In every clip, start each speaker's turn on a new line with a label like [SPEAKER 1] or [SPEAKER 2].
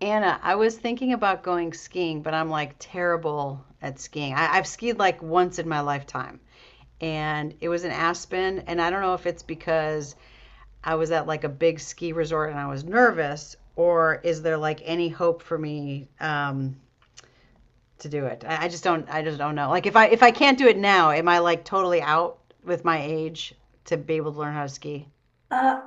[SPEAKER 1] Anna, I was thinking about going skiing, but I'm like terrible at skiing. I've skied like once in my lifetime, and it was in Aspen. And I don't know if it's because I was at like a big ski resort and I was nervous, or is there like any hope for me to do it? I just don't. I just don't know. Like if I can't do it now, am I like totally out with my age to be able to learn how to ski?
[SPEAKER 2] Uh,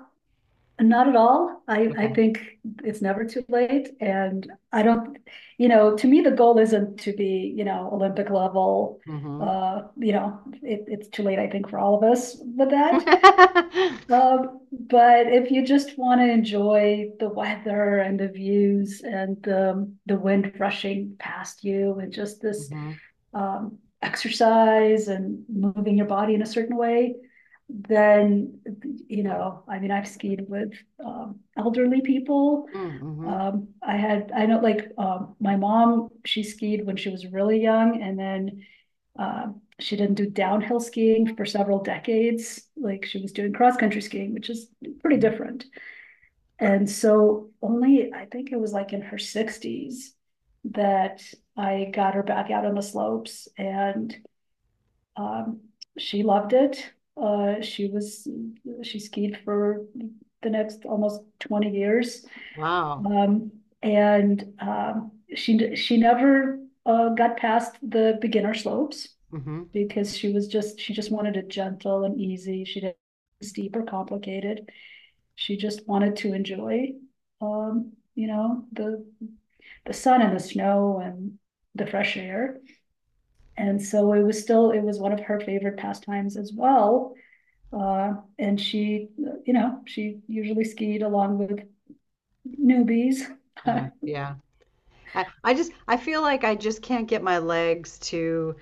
[SPEAKER 2] Not at all. I,
[SPEAKER 1] Okay.
[SPEAKER 2] I think it's never too late. And I don't, you know, to me, the goal isn't to be, you know, Olympic level.
[SPEAKER 1] Mm-hmm.
[SPEAKER 2] It's too late, I think, for all of us with that.
[SPEAKER 1] Mm-hmm.
[SPEAKER 2] But if you just want to enjoy the weather and the views and the wind rushing past you and just this exercise and moving your body in a certain way, then, you know, I mean, I've skied with elderly people.
[SPEAKER 1] Mm-hmm.
[SPEAKER 2] I had, I know, like my mom, she skied when she was really young, and then uh, she didn't do downhill skiing for several decades. Like she was doing cross country skiing, which is pretty different. And so, only I think it was like in her 60s that I got her back out on the slopes and um, she loved it. Uh, she was she skied for the next almost 20 years,
[SPEAKER 1] Wow.
[SPEAKER 2] um, and she never got past the beginner slopes
[SPEAKER 1] Mm-hmm.
[SPEAKER 2] because she just wanted it gentle and easy. She didn't steep or complicated. She just wanted to enjoy, you know, the sun and the snow and the fresh air. And so it was still, it was one of her favorite pastimes as well. And she, you know, she usually skied along with newbies.
[SPEAKER 1] Yeah, yeah. I feel like I just can't get my legs to,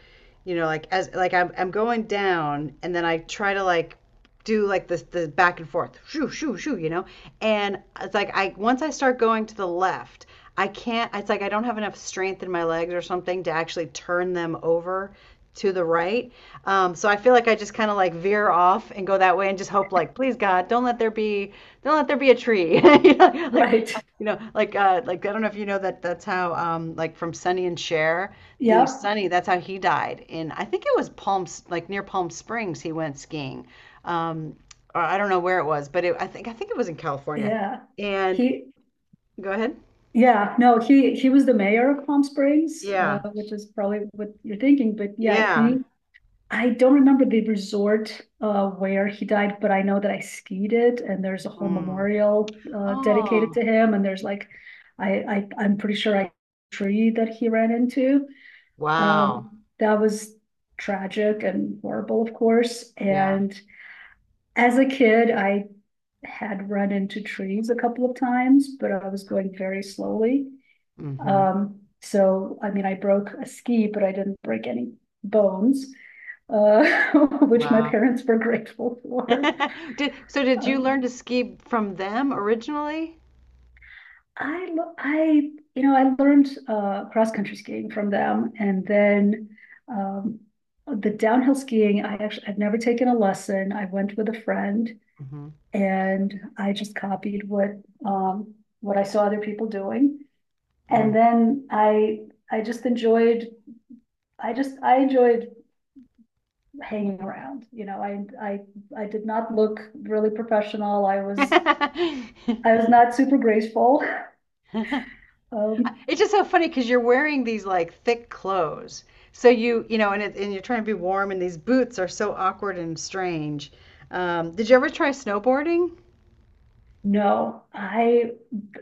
[SPEAKER 1] like as like I'm going down and then I try to like do like this the back and forth, shoo shoo shoo. And it's like I once I start going to the left, I can't. It's like I don't have enough strength in my legs or something to actually turn them over to the right. So I feel like I just kind of like veer off and go that way and just hope like, please God, don't let there be a tree. You know,
[SPEAKER 2] Right.
[SPEAKER 1] like I don't know if you know that that's how like from Sonny and Cher, the
[SPEAKER 2] Yep.
[SPEAKER 1] Sonny, that's how he died in I think it was Palm like near Palm Springs he went skiing. Um or I don't know where it was, but it, I think it was in California.
[SPEAKER 2] Yeah.
[SPEAKER 1] And
[SPEAKER 2] He,
[SPEAKER 1] go ahead.
[SPEAKER 2] yeah, no, he was the mayor of Palm Springs,
[SPEAKER 1] Yeah.
[SPEAKER 2] which is probably what you're thinking, but yeah,
[SPEAKER 1] Yeah.
[SPEAKER 2] he I don't remember the resort where he died, but I know that I skied it, and there's a whole
[SPEAKER 1] Mm.
[SPEAKER 2] memorial dedicated
[SPEAKER 1] Oh,
[SPEAKER 2] to him. And there's like, I'm pretty sure I tree that he ran into.
[SPEAKER 1] wow.
[SPEAKER 2] Um, that was tragic and horrible, of course.
[SPEAKER 1] Yeah.
[SPEAKER 2] And as a kid, I had run into trees a couple of times, but I was going very slowly.
[SPEAKER 1] Mm-hmm.
[SPEAKER 2] So I mean, I broke a ski, but I didn't break any bones uh, which my
[SPEAKER 1] Wow.
[SPEAKER 2] parents were grateful for.
[SPEAKER 1] Did
[SPEAKER 2] Uh,
[SPEAKER 1] you learn to ski from them originally?
[SPEAKER 2] I, I, you know, I learned cross country skiing from them, and then um, the downhill skiing. I've never taken a lesson. I went with a friend,
[SPEAKER 1] Mm-hmm.
[SPEAKER 2] and I just copied um, what I saw other people doing, and then I just enjoyed. I enjoyed hanging around. You know, I did not look really professional. I
[SPEAKER 1] Mm.
[SPEAKER 2] was not super graceful. Um,
[SPEAKER 1] It's just so funny because you're wearing these like thick clothes. So you, and you're trying to be warm, and these boots are so awkward and strange. Did you ever try snowboarding?
[SPEAKER 2] no, I,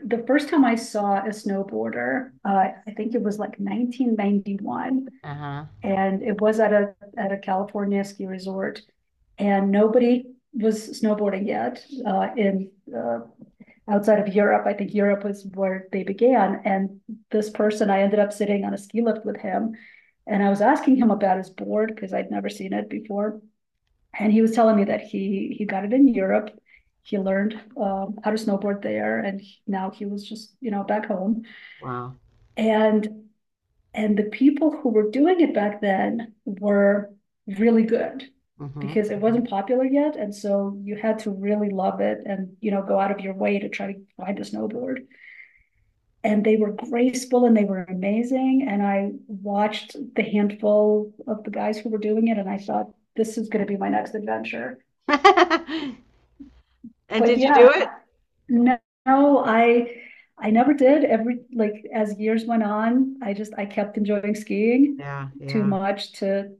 [SPEAKER 2] the first time I saw a snowboarder, I think it was like 1991,
[SPEAKER 1] Uh-huh.
[SPEAKER 2] and it was at a California ski resort, and nobody was snowboarding yet in outside of Europe. I think Europe was where they began, and this person, I ended up sitting on a ski lift with him, and I was asking him about his board because I'd never seen it before. And he was telling me that he got it in Europe. He learned how to snowboard there, now he was just, you know, back home.
[SPEAKER 1] Wow.
[SPEAKER 2] And and the people who were doing it back then were really good
[SPEAKER 1] Mm-hmm.
[SPEAKER 2] because it wasn't popular yet, and so you had to really love it and, you know, go out of your way to try to find a snowboard, and they were graceful and they were amazing. And I watched the handful of the guys who were doing it, and I thought, this is going to be my next adventure.
[SPEAKER 1] Hmm. And
[SPEAKER 2] But
[SPEAKER 1] did you do
[SPEAKER 2] yeah,
[SPEAKER 1] it?
[SPEAKER 2] no, No, I never did. Every like As years went on, I kept enjoying skiing
[SPEAKER 1] Yeah,
[SPEAKER 2] too
[SPEAKER 1] yeah.
[SPEAKER 2] much to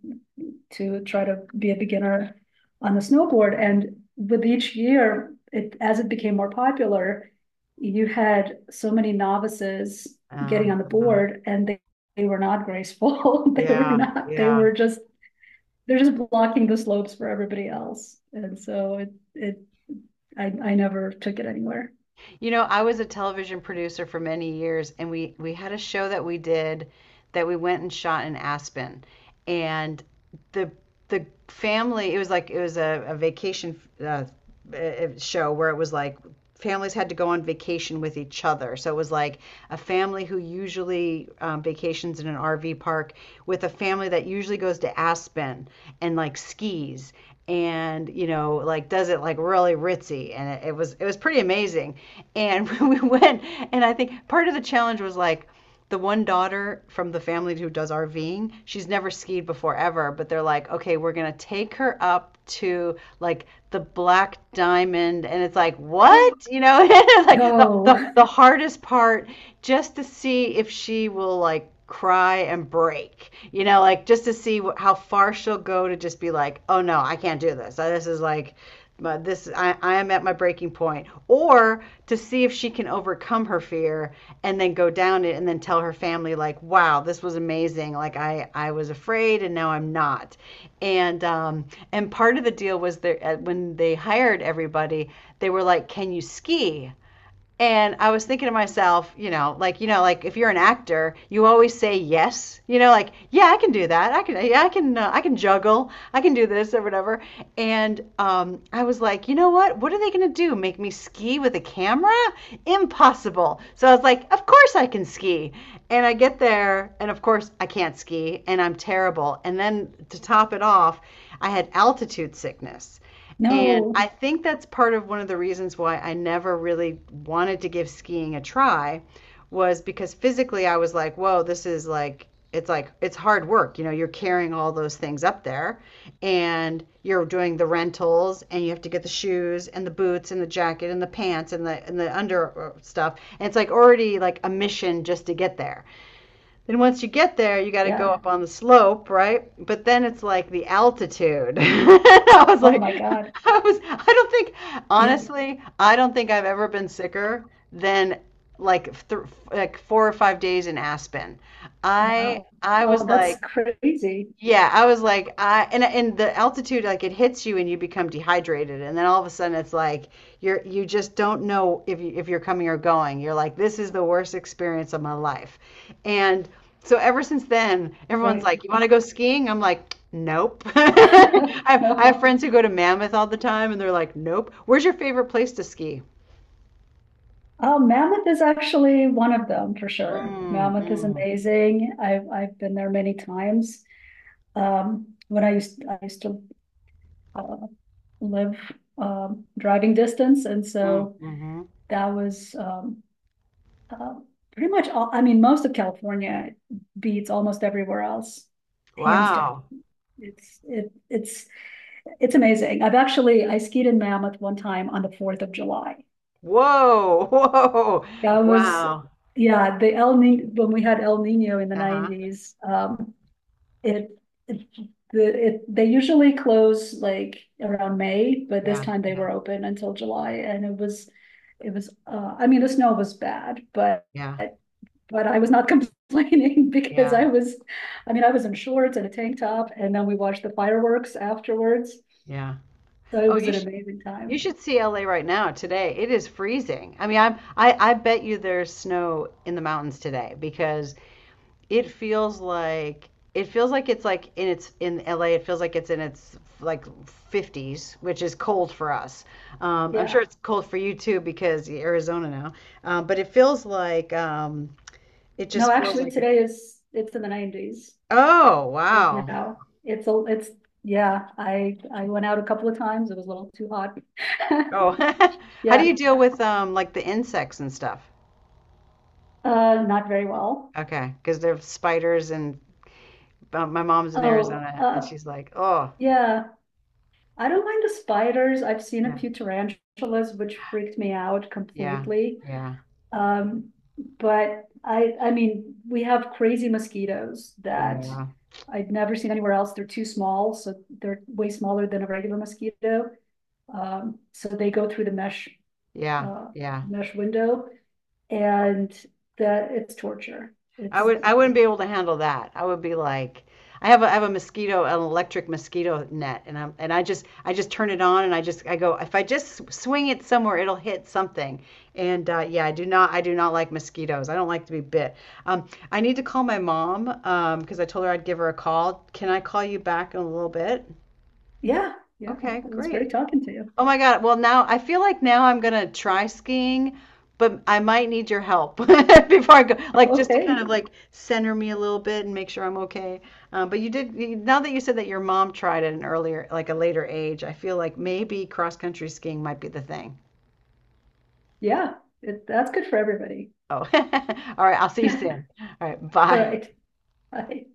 [SPEAKER 2] try to be a beginner on the snowboard. And with each year, it as it became more popular, you had so many novices getting on the
[SPEAKER 1] Uh-huh.
[SPEAKER 2] board and they were not graceful. They were
[SPEAKER 1] Yeah,
[SPEAKER 2] not, They
[SPEAKER 1] yeah.
[SPEAKER 2] were just they're just blocking the slopes for everybody else. And so I never took it anywhere.
[SPEAKER 1] You know, I was a television producer for many years, and we had a show that we did that we went and shot in Aspen, and the the family it was a vacation show where it was like families had to go on vacation with each other. So it was like a family who usually vacations in an RV park with a family that usually goes to Aspen and like skis and like does it like really ritzy, and it was pretty amazing, and we went, and I think part of the challenge was like the one daughter from the family who does RVing, she's never skied before ever, but they're like, okay, we're going to take her up to like the Black Diamond. And it's like, what? You know, it's like the,
[SPEAKER 2] No,
[SPEAKER 1] the, the hardest part, just to see if she will like cry and break, like just to see how far she'll go, to just be like, oh no, I can't do this. This is like, I am at my breaking point. Or to see if she can overcome her fear and then go down it and then tell her family like, wow, this was amazing, like I was afraid and now I'm not. And um and part of the deal was there when they hired everybody. They were like, can you ski? And I was thinking to myself, you know, like if you're an actor, you always say yes. You know, like, yeah, I can do that. I can, yeah, I can juggle. I can do this or whatever. And I was like, you know what? What are they gonna do? Make me ski with a camera? Impossible. So I was like, of course I can ski. And I get there, and of course I can't ski, and I'm terrible. And then to top it off, I had altitude sickness. And I
[SPEAKER 2] no,
[SPEAKER 1] think that's part of one of the reasons why I never really wanted to give skiing a try, was because physically I was like, whoa, this is like, it's hard work. You know, you're carrying all those things up there and you're doing the rentals and you have to get the shoes and the boots and the jacket and the pants and the under stuff. And it's like already like a mission just to get there. Then once you get there, you got to go
[SPEAKER 2] yeah.
[SPEAKER 1] up on the slope, right? But then it's like the altitude. I was
[SPEAKER 2] Oh
[SPEAKER 1] like,
[SPEAKER 2] my God.
[SPEAKER 1] I don't think,
[SPEAKER 2] Yeah.
[SPEAKER 1] honestly, I don't think I've ever been sicker than like like 4 or 5 days in Aspen. I
[SPEAKER 2] Wow.
[SPEAKER 1] I
[SPEAKER 2] Oh,
[SPEAKER 1] was
[SPEAKER 2] that's
[SPEAKER 1] like,
[SPEAKER 2] crazy.
[SPEAKER 1] yeah, I was like, I and the altitude, like it hits you and you become dehydrated and then all of a sudden it's like you just don't know if you're coming or going. You're like, this is the worst experience of my life. And so ever since then, everyone's
[SPEAKER 2] Right.
[SPEAKER 1] like, you want to go skiing? I'm like, nope. I have
[SPEAKER 2] No.
[SPEAKER 1] friends who go to Mammoth all the time and they're like, nope. Where's your favorite place to ski?
[SPEAKER 2] Oh, Mammoth is actually one of them for sure.
[SPEAKER 1] Mm,
[SPEAKER 2] Mammoth is
[SPEAKER 1] mm,
[SPEAKER 2] amazing. I've been there many times. When I used to uh, live driving distance, and
[SPEAKER 1] mm,
[SPEAKER 2] so
[SPEAKER 1] mm-hmm.
[SPEAKER 2] that was uh, pretty much all. I mean, most of California beats almost everywhere else, hands down.
[SPEAKER 1] Wow.
[SPEAKER 2] It's it It's amazing. I skied in Mammoth one time on the 4th of July.
[SPEAKER 1] Whoa.
[SPEAKER 2] That
[SPEAKER 1] Whoa.
[SPEAKER 2] was,
[SPEAKER 1] Wow.
[SPEAKER 2] yeah, the El Ni when we had El Nino in the
[SPEAKER 1] Uh-huh.
[SPEAKER 2] 90s. It, it the it They usually close like around May, but this
[SPEAKER 1] Yeah.
[SPEAKER 2] time they
[SPEAKER 1] Yeah.
[SPEAKER 2] were open until July, and it was I mean the snow was bad, but
[SPEAKER 1] Yeah,
[SPEAKER 2] I was not complaining because
[SPEAKER 1] yeah,
[SPEAKER 2] I mean I was in shorts and a tank top, and then we watched the fireworks afterwards,
[SPEAKER 1] yeah.
[SPEAKER 2] so it
[SPEAKER 1] Oh,
[SPEAKER 2] was
[SPEAKER 1] you
[SPEAKER 2] an
[SPEAKER 1] should
[SPEAKER 2] amazing
[SPEAKER 1] you
[SPEAKER 2] time.
[SPEAKER 1] should see LA right now today. It is freezing. I mean, I bet you there's snow in the mountains today, because it feels like it's like in its in LA. It feels like it's in its like 50s, which is cold for us. I'm
[SPEAKER 2] Yeah.
[SPEAKER 1] sure it's cold for you too because you're Arizona now. But it feels like it
[SPEAKER 2] No,
[SPEAKER 1] just feels
[SPEAKER 2] actually
[SPEAKER 1] like it's.
[SPEAKER 2] today is it's in the 90s
[SPEAKER 1] Oh,
[SPEAKER 2] right
[SPEAKER 1] wow.
[SPEAKER 2] now. Yeah, I went out a couple of times. It was a little too hot.
[SPEAKER 1] Oh, how do
[SPEAKER 2] Yeah,
[SPEAKER 1] you deal with like the insects and stuff?
[SPEAKER 2] not very well.
[SPEAKER 1] Okay, okay, 'cause there's spiders, and my mom's in
[SPEAKER 2] Oh,
[SPEAKER 1] Arizona and she's like, "Oh,
[SPEAKER 2] yeah, I don't mind the spiders. I've seen a
[SPEAKER 1] yeah,
[SPEAKER 2] few tarantulas, which freaked me out
[SPEAKER 1] yeah,
[SPEAKER 2] completely.
[SPEAKER 1] yeah,
[SPEAKER 2] Um, I mean, we have crazy mosquitoes that
[SPEAKER 1] yeah,
[SPEAKER 2] I've never seen anywhere else. They're too small, so they're way smaller than a regular mosquito. So they go through the mesh,
[SPEAKER 1] yeah,
[SPEAKER 2] uh,
[SPEAKER 1] yeah."
[SPEAKER 2] mesh window. And that it's torture.
[SPEAKER 1] I
[SPEAKER 2] It's.
[SPEAKER 1] would I
[SPEAKER 2] It-
[SPEAKER 1] wouldn't be able to handle that. I would be like, I have a mosquito, an electric mosquito net, and I just turn it on and I go, if I just swing it somewhere, it'll hit something. And yeah, I do not like mosquitoes. I don't like to be bit. I need to call my mom because I told her I'd give her a call. Can I call you back in a little bit?
[SPEAKER 2] Yeah, yeah,
[SPEAKER 1] Okay,
[SPEAKER 2] it was great
[SPEAKER 1] great.
[SPEAKER 2] talking to you.
[SPEAKER 1] Oh my God. Well, now I feel like now I'm gonna try skiing, but I might need your help before I go, like just to kind
[SPEAKER 2] Okay,
[SPEAKER 1] of like center me a little bit and make sure I'm okay. But you did, now that you said that your mom tried at an earlier, like a later age, I feel like maybe cross country skiing might be the thing.
[SPEAKER 2] yeah, it, that's good for everybody.
[SPEAKER 1] Oh, all right. I'll see you
[SPEAKER 2] All
[SPEAKER 1] soon. All right. Bye.
[SPEAKER 2] right, bye.